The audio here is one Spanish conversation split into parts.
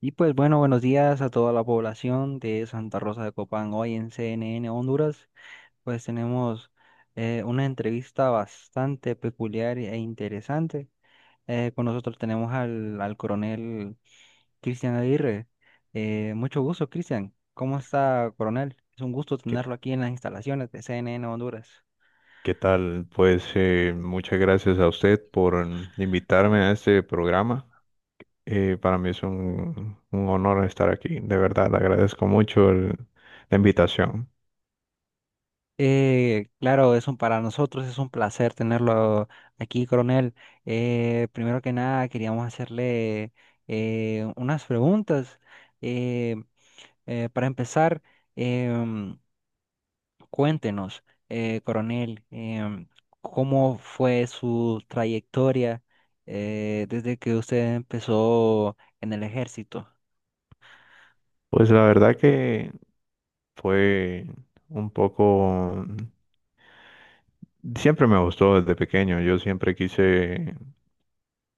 Y pues bueno, buenos días a toda la población de Santa Rosa de Copán. Hoy en CNN Honduras, pues tenemos una entrevista bastante peculiar e interesante. Con nosotros tenemos al coronel Cristian Aguirre. Mucho gusto, Cristian. ¿Cómo está, coronel? Es un gusto ¿Qué, tenerlo aquí en las instalaciones de CNN Honduras. qué tal? Pues muchas gracias a usted por invitarme a este programa. Para mí es un honor estar aquí. De verdad, le agradezco mucho la invitación. Claro, para nosotros es un placer tenerlo aquí, coronel. Primero que nada, queríamos hacerle unas preguntas. Eh, para empezar, em, cuéntenos, coronel, cómo fue su trayectoria desde que usted empezó en el ejército. Pues la verdad que fue un poco. Siempre me gustó desde pequeño. Yo siempre quise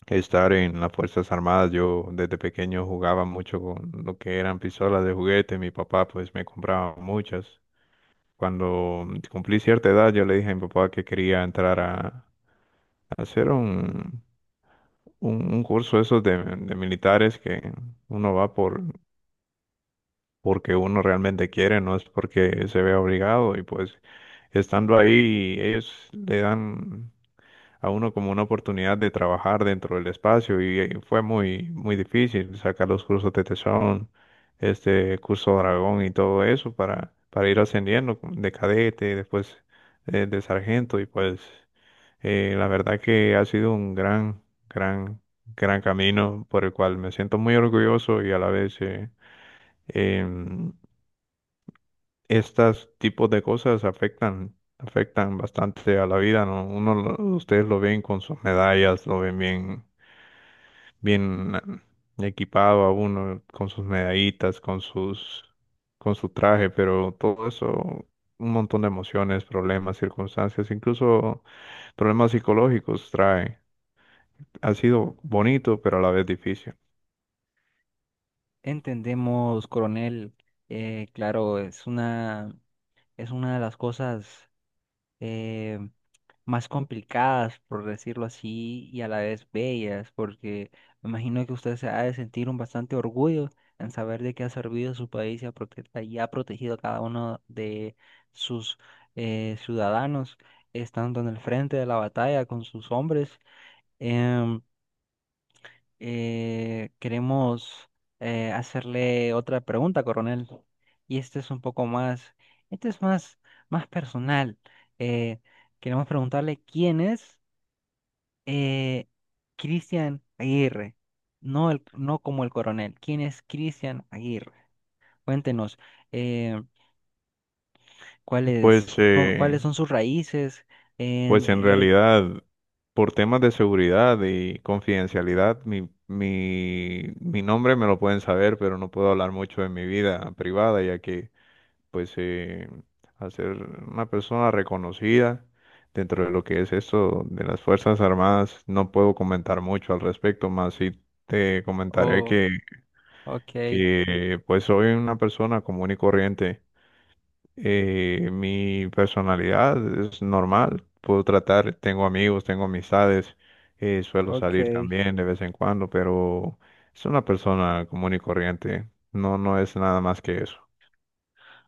estar en las Fuerzas Armadas. Yo desde pequeño jugaba mucho con lo que eran pistolas de juguete. Mi papá pues me compraba muchas. Cuando cumplí cierta edad, yo le dije a mi papá que quería entrar a hacer un curso esos de militares que uno va por porque uno realmente quiere, no es porque se vea obligado y pues estando ahí ellos le dan a uno como una oportunidad de trabajar dentro del espacio y, fue muy, muy difícil sacar los cursos de tesón, este curso dragón y todo eso para ir ascendiendo de cadete, después de sargento y pues la verdad que ha sido un gran, gran camino por el cual me siento muy orgulloso y a la vez... eh, em, estas tipos de cosas afectan, afectan bastante a la vida, ¿no? Ustedes lo ven con sus medallas, lo ven bien, equipado a uno, con sus medallitas, con su traje, pero todo eso, un montón de emociones, problemas, circunstancias, incluso problemas psicológicos trae. Ha sido bonito, pero a la vez difícil. Entendemos, coronel, claro, es una de las cosas eh, más complicadas, por decirlo así, y a la vez bellas, porque me imagino que usted se ha de sentir un bastante orgullo en saber de que ha servido a su país y y ha protegido a cada uno de sus ciudadanos, estando en el frente de la batalla con sus hombres. Em, Queremos hacerle otra pregunta, coronel. Y este es un poco más, este es más personal. Eh, Queremos preguntarle quién es eh, Cristian Aguirre, no, no como el coronel. ¿Quién es Cristian Aguirre? Cuéntenos eh, Pues, cuáles son sus raíces. pues And, en realidad, por temas de seguridad y confidencialidad, mi nombre me lo pueden saber, pero no puedo hablar mucho de mi vida privada, ya que, pues, al ser una persona reconocida dentro de lo que es esto de las Fuerzas Armadas, no puedo comentar mucho al respecto, más si te comentaré oh, ok. Pues, soy una persona común y corriente, mi personalidad es normal, puedo tratar, tengo amigos, tengo amistades, suelo Ok. salir también de vez en cuando, pero es una persona común y corriente, no, no es nada más que eso.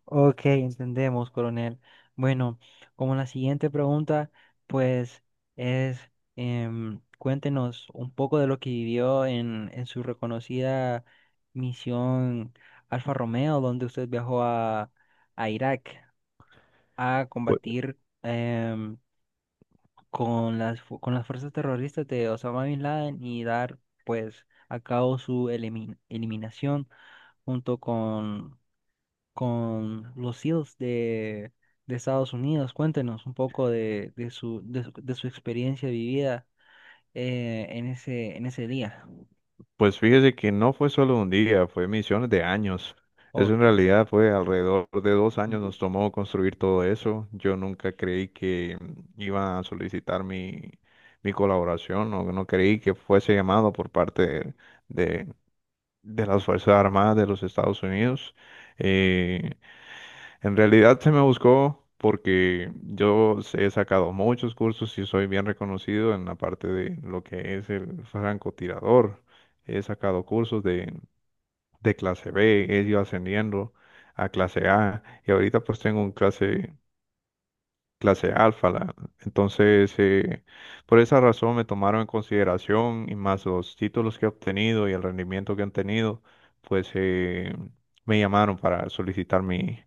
Ok, entendemos, coronel. Bueno, como la siguiente pregunta, pues es, cuéntenos un poco de lo que vivió en su reconocida misión Alfa Romeo, donde usted viajó a Irak a Pues, combatir con con las fuerzas terroristas de Osama Bin Laden y dar pues a cabo su eliminación junto con los SEALs de Estados Unidos. Cuéntenos un poco de su experiencia vivida en en ese día. pues fíjese que no fue solo un día, fue misiones de años. Eso en Ok. realidad fue alrededor de dos años Mm. nos tomó construir todo eso. Yo nunca creí que iba a solicitar mi colaboración, o no creí que fuese llamado por parte de, de las Fuerzas Armadas de los Estados Unidos. Eh, en realidad se me buscó porque he sacado muchos cursos y soy bien reconocido en la parte de lo que es el francotirador. He sacado cursos de clase B, he ido ascendiendo a clase A y ahorita pues tengo un clase alfa. Entonces, por esa razón me tomaron en consideración y más los títulos que he obtenido y el rendimiento que han tenido, pues me llamaron para solicitar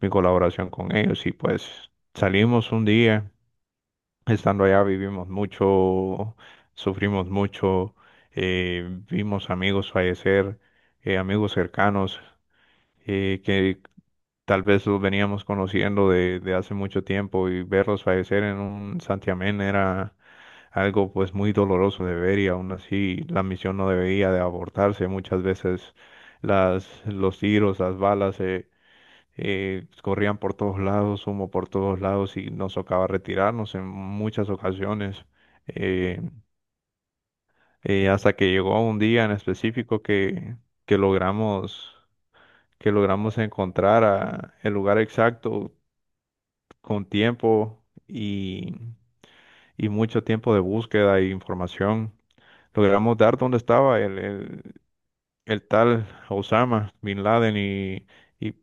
mi colaboración con ellos y pues salimos un día, estando allá vivimos mucho, sufrimos mucho, vimos amigos fallecer, amigos cercanos. Que tal vez los veníamos conociendo de hace mucho tiempo y verlos fallecer en un santiamén era algo pues muy doloroso de ver y aún así la misión no debería de abortarse. Muchas veces los tiros, las balas corrían por todos lados, humo por todos lados y nos tocaba retirarnos en muchas ocasiones. eh, Hasta que llegó un día en específico que logramos que logramos encontrar el lugar exacto con tiempo y mucho tiempo de búsqueda e información, logramos dar dónde estaba el tal Osama Bin Laden y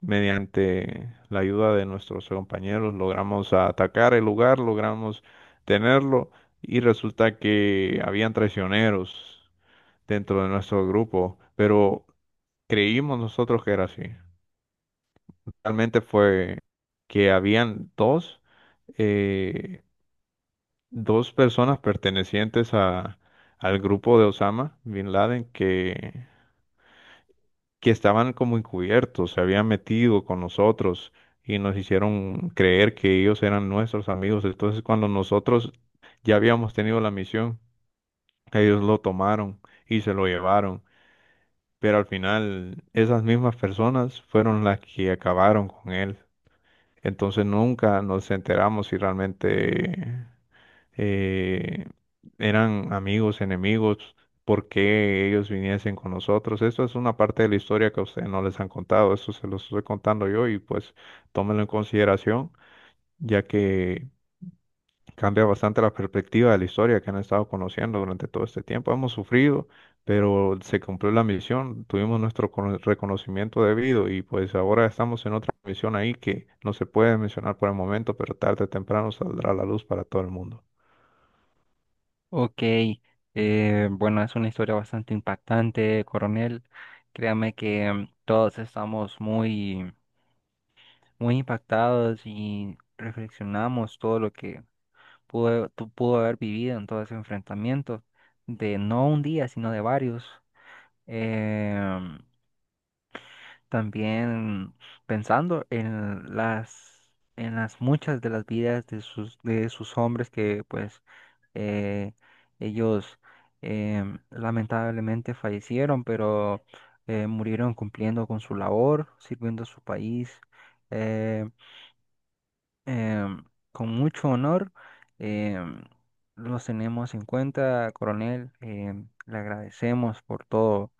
mediante la ayuda de nuestros compañeros logramos atacar el lugar, logramos tenerlo y resulta que habían traicioneros dentro de nuestro grupo, pero creímos nosotros que era así. Realmente fue que habían dos. eh, Dos personas pertenecientes al grupo de Osama Bin Laden que estaban como encubiertos, se habían metido con nosotros y nos hicieron creer que ellos eran nuestros amigos. Entonces, cuando nosotros ya habíamos tenido la misión, ellos lo tomaron y se lo llevaron. Pero al final, esas mismas personas fueron las que acabaron con él. Entonces nunca nos enteramos si realmente eh, eran amigos, enemigos, por qué ellos viniesen con nosotros. Esto es una parte de la historia que a ustedes no les han contado, esto se los estoy contando yo y pues tómenlo en consideración, ya que cambia bastante la perspectiva de la historia que han estado conociendo durante todo este tiempo. Hemos sufrido, pero se cumplió la misión, tuvimos nuestro reconocimiento debido y pues ahora estamos en otra misión ahí que no se puede mencionar por el momento, pero tarde o temprano saldrá a la luz para todo el mundo. Ok, bueno, es una historia bastante impactante, coronel. Créame que todos estamos muy impactados y reflexionamos todo lo que pudo haber vivido en todo ese enfrentamiento, de no un día, sino de varios. Em, También pensando en en las muchas de las vidas de de sus hombres que pues eh, ellos lamentablemente fallecieron, pero murieron cumpliendo con su labor, sirviendo a su país eh, em, con mucho honor. Em, los tenemos en cuenta, coronel. Em, le agradecemos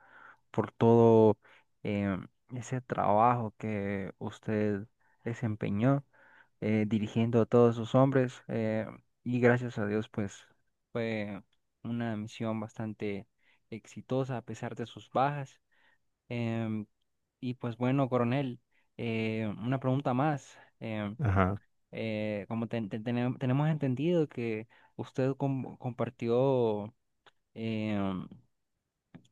por todo eh, ese trabajo que usted desempeñó dirigiendo a todos sus hombres, y gracias a Dios pues fue una misión bastante exitosa a pesar de sus bajas. Em, y pues bueno, coronel, una pregunta más. Ajá. Como tenemos entendido que usted compartió em,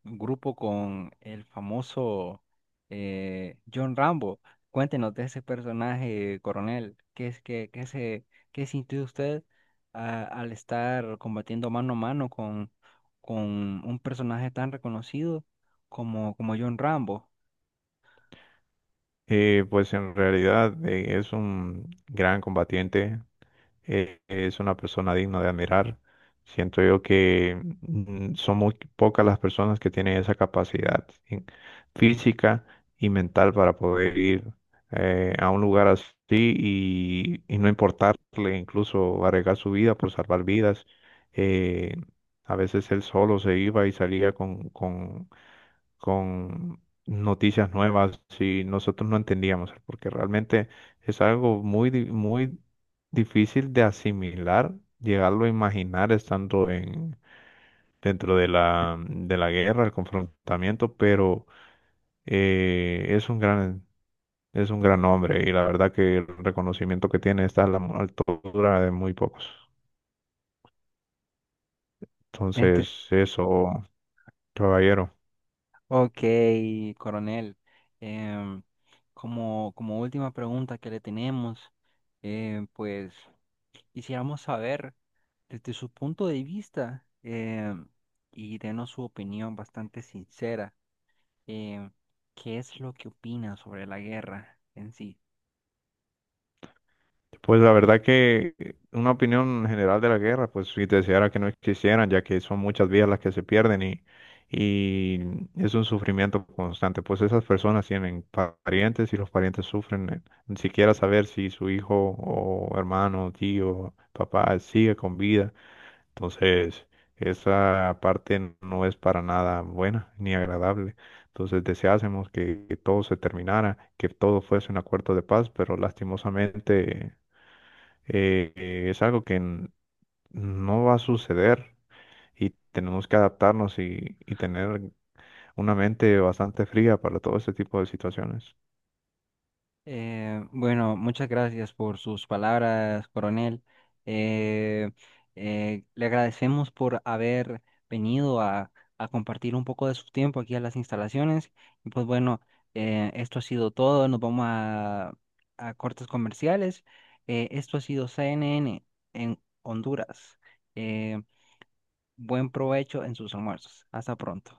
un grupo con el famoso John Rambo. Cuéntenos de ese personaje, coronel. ¿Qué es que qué se Qué sintió usted al estar combatiendo mano a mano con un personaje tan reconocido como John Rambo? Pues en realidad es un gran combatiente, es una persona digna de admirar. Siento yo que son muy pocas las personas que tienen esa capacidad física y mental para poder ir a un lugar así y no importarle incluso arriesgar su vida por salvar vidas. Eh, a veces él solo se iba y salía con noticias nuevas si nosotros no entendíamos, porque realmente es algo muy difícil de asimilar, llegarlo a imaginar estando en, dentro de de la guerra, el confrontamiento, pero es un es un gran hombre y la verdad que el reconocimiento que tiene está a la altura de muy pocos. Ente- Entonces, eso, caballero. ok, coronel. Em, Como, como última pregunta que le tenemos, pues quisiéramos saber desde su punto de vista. Em, y denos su opinión bastante sincera. em, ¿Qué es lo que opina sobre la guerra en sí? Pues la verdad que una opinión general de la guerra, pues si deseara que no existieran, ya que son muchas vidas las que se pierden y es un sufrimiento constante. Pues esas personas tienen parientes y los parientes sufren, ni siquiera saber si su hijo o hermano, tío, papá sigue con vida. Entonces, esa parte no es para nada buena ni agradable. Entonces deseásemos que todo se terminara, que todo fuese un acuerdo de paz, pero lastimosamente es algo que no va a suceder y tenemos que adaptarnos y tener una mente bastante fría para todo ese tipo de situaciones. Bueno, muchas gracias por sus palabras, coronel. Eh, Le agradecemos por haber venido a compartir un poco de su tiempo aquí a las instalaciones. Y pues bueno, esto ha sido todo. Nos vamos a cortes comerciales. Esto ha sido CNN en Honduras. Eh, Buen provecho en sus almuerzos. Hasta pronto.